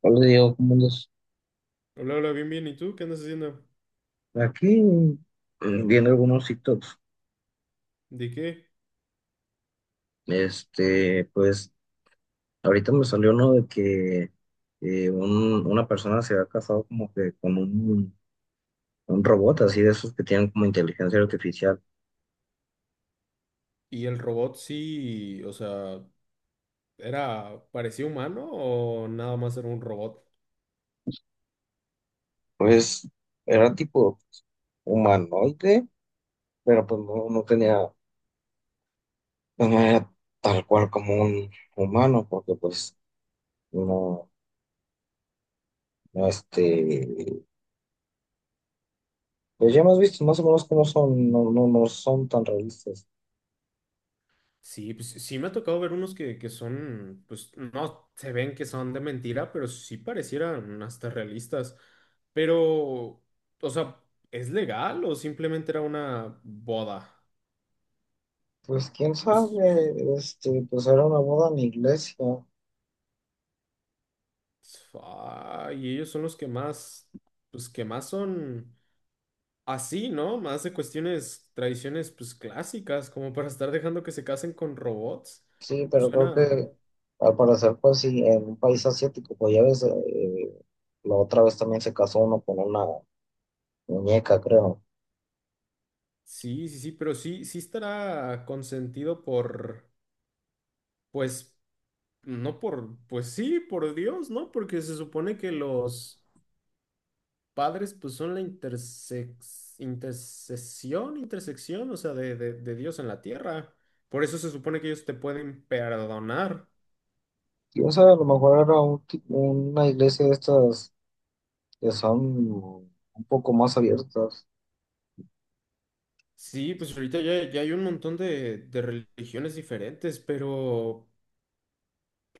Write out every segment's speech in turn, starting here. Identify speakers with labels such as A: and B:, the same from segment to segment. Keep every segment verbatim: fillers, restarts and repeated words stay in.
A: Hola Diego, ¿cómo andas?
B: Hola, hola, bien, bien. ¿Y tú qué andas haciendo?
A: Aquí eh, viendo algunos TikToks.
B: ¿De qué?
A: Este, pues ahorita me salió uno de que eh, un- una persona se ha casado como que con un, un robot así de esos que tienen como inteligencia artificial.
B: ¿Y el robot sí, o sea, era, parecía humano o nada más era un robot?
A: Pues era tipo humanoide, pero pues no, no tenía, pues, no era tal cual como un humano, porque pues no, no, este, Pues ya hemos visto más o menos cómo son, no, no, no son tan realistas.
B: Sí, pues sí me ha tocado ver unos que, que son, pues no, se ven que son de mentira, pero sí parecieran hasta realistas. Pero, o sea, ¿es legal o simplemente era una boda?
A: Pues quién
B: O s-
A: sabe, este, pues era una boda en iglesia,
B: Ay, ellos son los que más, pues que más son. Así, ¿no? Más de cuestiones, tradiciones, pues clásicas, como para estar dejando que se casen con robots.
A: sí, pero creo
B: Suena,
A: que al parecer pues sí, en un país asiático, pues ya ves, eh, la otra vez también se casó uno con una muñeca, creo.
B: sí, sí, sí, pero sí, sí estará consentido por, pues, no por, pues sí, por Dios, ¿no? Porque se supone que los padres, pues, son la intersex, intersección, intersección, o sea, de, de de Dios en la tierra. Por eso se supone que ellos te pueden perdonar.
A: Quién sabe, a lo mejor era un ti- una iglesia de estas que son un poco más abiertas.
B: Sí, pues ahorita ya, ya hay un montón de, de religiones diferentes, pero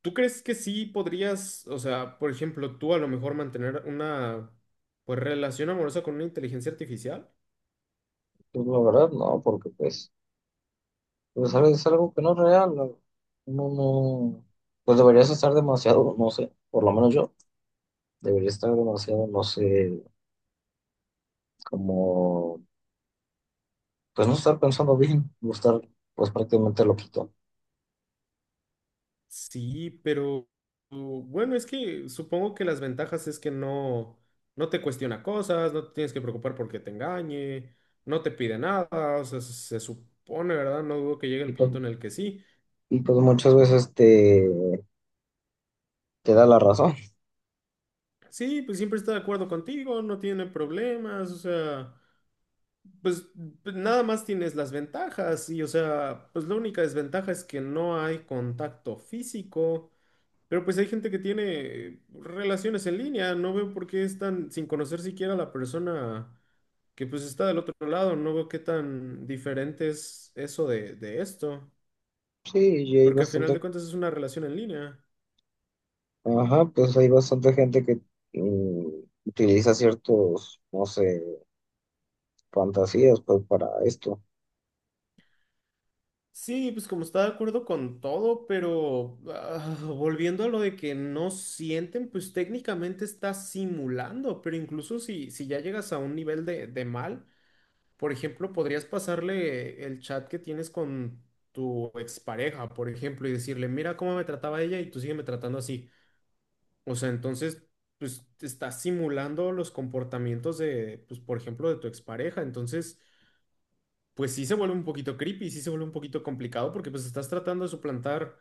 B: ¿tú crees que sí podrías, o sea, por ejemplo, tú a lo mejor mantener una pues relación amorosa con una inteligencia artificial?
A: Pues la verdad no, porque pues, pues sabes es algo que no es real, no, no, no, pues deberías estar demasiado, no sé, por lo menos yo, debería estar demasiado, no sé como pues no estar pensando bien, o estar pues prácticamente loquito.
B: Sí, pero u- bueno, es que supongo que las ventajas es que no, no te cuestiona cosas, no te tienes que preocupar porque te engañe, no te pide nada, o sea, se, se supone, ¿verdad? No dudo que llegue
A: Y
B: el
A: pues,
B: punto en el que sí.
A: y pues muchas veces te, te da la razón.
B: Sí, pues siempre está de acuerdo contigo, no tiene problemas, o sea. Pues pues, nada más tienes las ventajas y, o sea, pues la única desventaja es que no hay contacto físico, pero pues hay gente que tiene relaciones en línea, no veo por qué están sin conocer siquiera a la persona que pues está del otro lado, no veo qué tan diferente es eso de, de esto,
A: Sí, y hay
B: porque al final de
A: bastante,
B: cuentas es una relación en línea.
A: ajá, pues hay bastante gente que mm, utiliza ciertos, no sé, fantasías pues para esto.
B: Sí, pues como está de acuerdo con todo, pero ah, volviendo a lo de que no sienten, pues técnicamente está simulando, pero incluso si, si ya llegas a un nivel de, de mal, por ejemplo, podrías pasarle el chat que tienes con tu expareja, por ejemplo, y decirle, mira cómo me trataba ella y tú sígueme tratando así. O sea, entonces, pues estás simulando los comportamientos de, pues, por ejemplo, de tu expareja, entonces pues sí se vuelve un poquito creepy, sí se vuelve un poquito complicado porque pues estás tratando de suplantar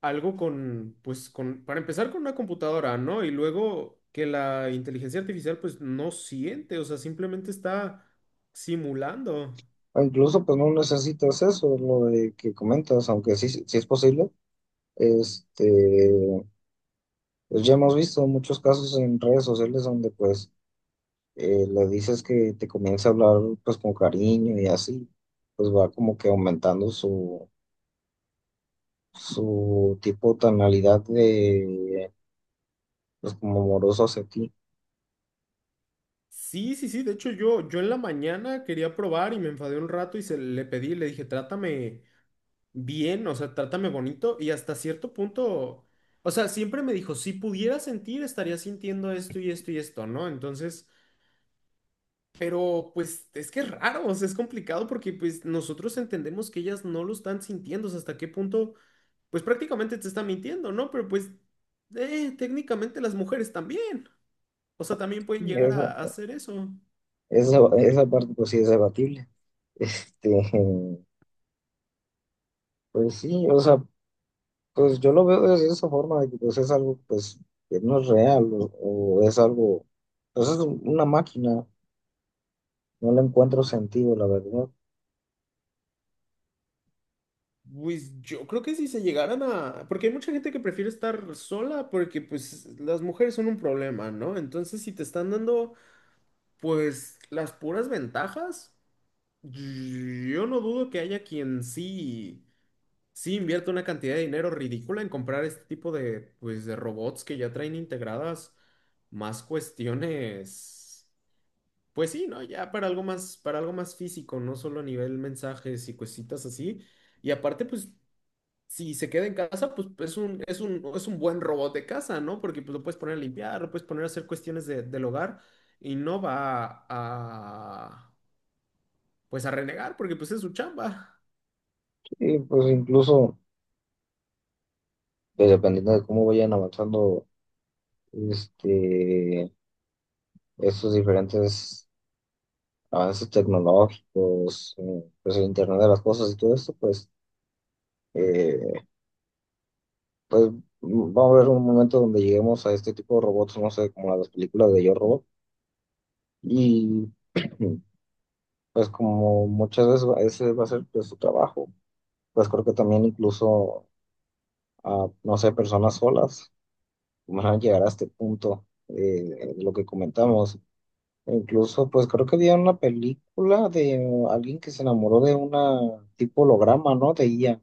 B: algo con, pues con, para empezar con una computadora, ¿no? Y luego que la inteligencia artificial pues no siente, o sea, simplemente está simulando.
A: O incluso pues no necesitas eso, lo de que comentas, aunque sí, sí es posible. Este, pues ya hemos visto muchos casos en redes sociales donde pues eh, le dices que te comienza a hablar pues con cariño y así, pues va como que aumentando su, su tipo tonalidad de pues como amoroso hacia ti.
B: Sí, sí, sí, de hecho yo, yo en la mañana quería probar y me enfadé un rato y se le pedí, le dije, trátame bien, o sea, trátame bonito y hasta cierto punto, o sea, siempre me dijo, si pudiera sentir, estaría sintiendo esto y esto y esto, ¿no? Entonces... Pero pues es que es raro, o sea, es complicado porque pues nosotros entendemos que ellas no lo están sintiendo, o sea, hasta qué punto, pues prácticamente te están mintiendo, ¿no? Pero pues eh, técnicamente las mujeres también, o sea, también pueden llegar
A: Esa,
B: a, a hacer eso.
A: esa, esa parte pues sí es debatible. Este, pues sí, o sea, pues yo lo veo de esa forma de que pues es algo pues que no es real o, o es algo, pues es una máquina, no le encuentro sentido, la verdad.
B: Pues yo creo que si se llegaran a, porque hay mucha gente que prefiere estar sola porque pues las mujeres son un problema, ¿no? Entonces si te están dando pues las puras ventajas, yo no dudo que haya quien sí. Sí, invierto una cantidad de dinero ridícula en comprar este tipo de, pues, de robots que ya traen integradas más cuestiones. Pues sí, ¿no? Ya para algo más, para algo más físico, no solo a nivel mensajes y cositas así. Y aparte, pues, si se queda en casa, pues es un, es un, es un buen robot de casa, ¿no? Porque pues, lo puedes poner a limpiar, lo puedes poner a hacer cuestiones de- del hogar y no va a, pues, a renegar porque pues es su chamba.
A: Y pues incluso pues, dependiendo de cómo vayan avanzando este, estos diferentes avances tecnológicos, eh, pues el Internet de las cosas y todo esto, pues, eh, pues va a haber un momento donde lleguemos a este tipo de robots, no sé, como las películas de Yo Robot, y pues como muchas veces va- ese va a ser pues, su trabajo. Pues creo que también incluso a, no sé, personas solas van a llegar a este punto eh, de lo que comentamos. Incluso, pues creo que había una película de alguien que se enamoró de una tipo holograma, ¿no? De I A.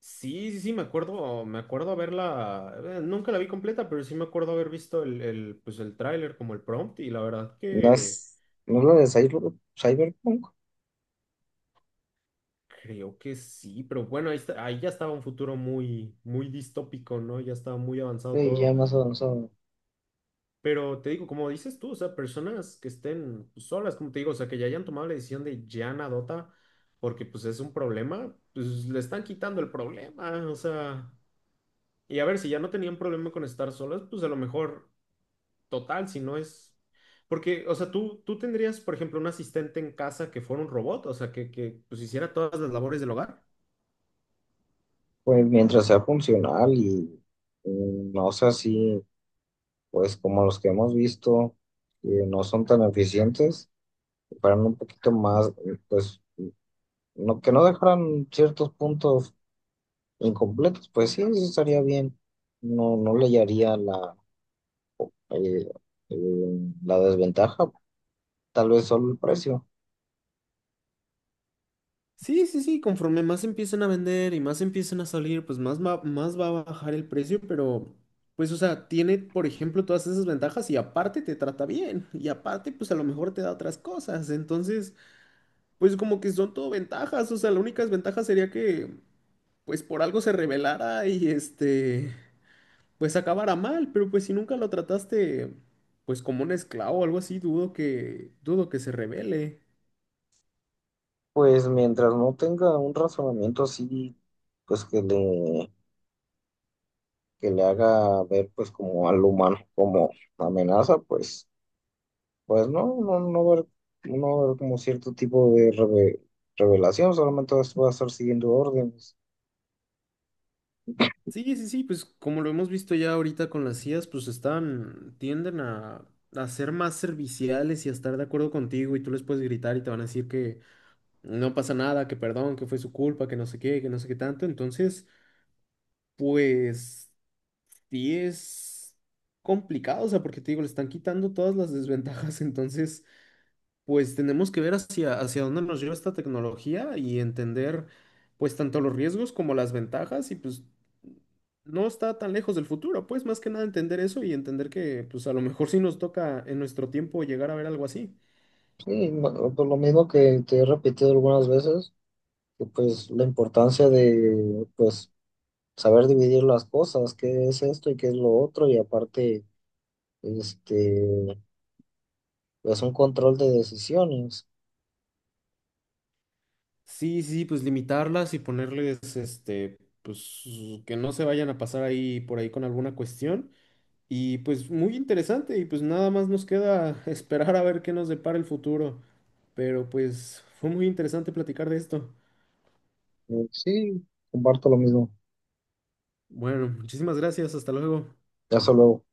B: Sí, sí, sí, me acuerdo, me acuerdo haberla, eh, nunca la vi completa, pero sí me acuerdo haber visto el, el, pues el tráiler como el prompt y la verdad
A: No
B: que
A: es, no es la de cyber- Cyberpunk,
B: creo que sí, pero bueno, ahí, está- ahí ya estaba un futuro muy, muy distópico, ¿no? Ya estaba muy avanzado
A: de I A
B: todo,
A: más avanzado.
B: pero te digo, como dices tú, o sea, personas que estén pues, solas, como te digo, o sea, que ya hayan tomado la decisión de ya dota porque pues es un problema, pues le están quitando el problema, o sea, y a ver, si ya no tenían problema con estar solas, pues a lo mejor... total, si no es... Porque, o sea, tú, tú tendrías, por ejemplo, un asistente en casa que fuera un robot, o sea, que, que pues hiciera todas las labores del hogar.
A: Pues mientras sea funcional y mm, no sea así, pues como los que hemos visto, que no son tan eficientes, que fueran un poquito más, eh, pues no, que no dejaran ciertos puntos incompletos, pues sí, eso estaría bien. No, no le hallaría la Eh, eh, la desventaja, tal vez solo el precio.
B: Sí, sí, sí, conforme más empiecen a vender y más empiecen a salir, pues más va, más va a bajar el precio, pero pues, o sea, tiene, por ejemplo, todas esas ventajas y aparte te trata bien y aparte, pues a lo mejor te da otras cosas. Entonces, pues como que son todo ventajas, o sea, la única desventaja sería que, pues por algo se rebelara y este... pues acabara mal, pero pues si nunca lo trataste pues como un esclavo o algo así, dudo que dudo que se revele.
A: Pues mientras no tenga un razonamiento así, pues que le, que le haga ver pues como al humano como amenaza, pues, pues no, no, no va a haber, no va a haber como cierto tipo de reve- revelación, solamente vas- va a estar siguiendo órdenes.
B: Sí, sí, sí, pues como lo hemos visto ya ahorita con las I As, pues están tienden a a ser más serviciales y a estar de acuerdo contigo y tú les puedes gritar y te van a decir que no pasa nada, que perdón, que fue su culpa, que no sé qué, que no sé qué tanto. Entonces, pues sí es complicado, o sea, porque te digo, le están quitando todas las desventajas, entonces pues tenemos que ver hacia, hacia dónde nos lleva esta tecnología y entender pues tanto los riesgos como las ventajas y pues no está tan lejos del futuro, pues más que nada entender eso y entender que pues a lo mejor sí nos toca en nuestro tiempo llegar a ver algo así.
A: Sí, no, por lo mismo que te he repetido algunas veces, que pues la importancia de pues saber dividir las cosas, qué es esto y qué es lo otro, y aparte Este, es un control de decisiones.
B: Sí, sí, sí, pues limitarlas y ponerles este, pues que no se vayan a pasar ahí por ahí con alguna cuestión. Y pues muy interesante y pues nada más nos queda esperar a ver qué nos depara el futuro. Pero pues fue muy interesante platicar de esto.
A: Eh, Sí, comparto lo mismo.
B: Bueno, muchísimas gracias. Hasta luego.
A: Ya solo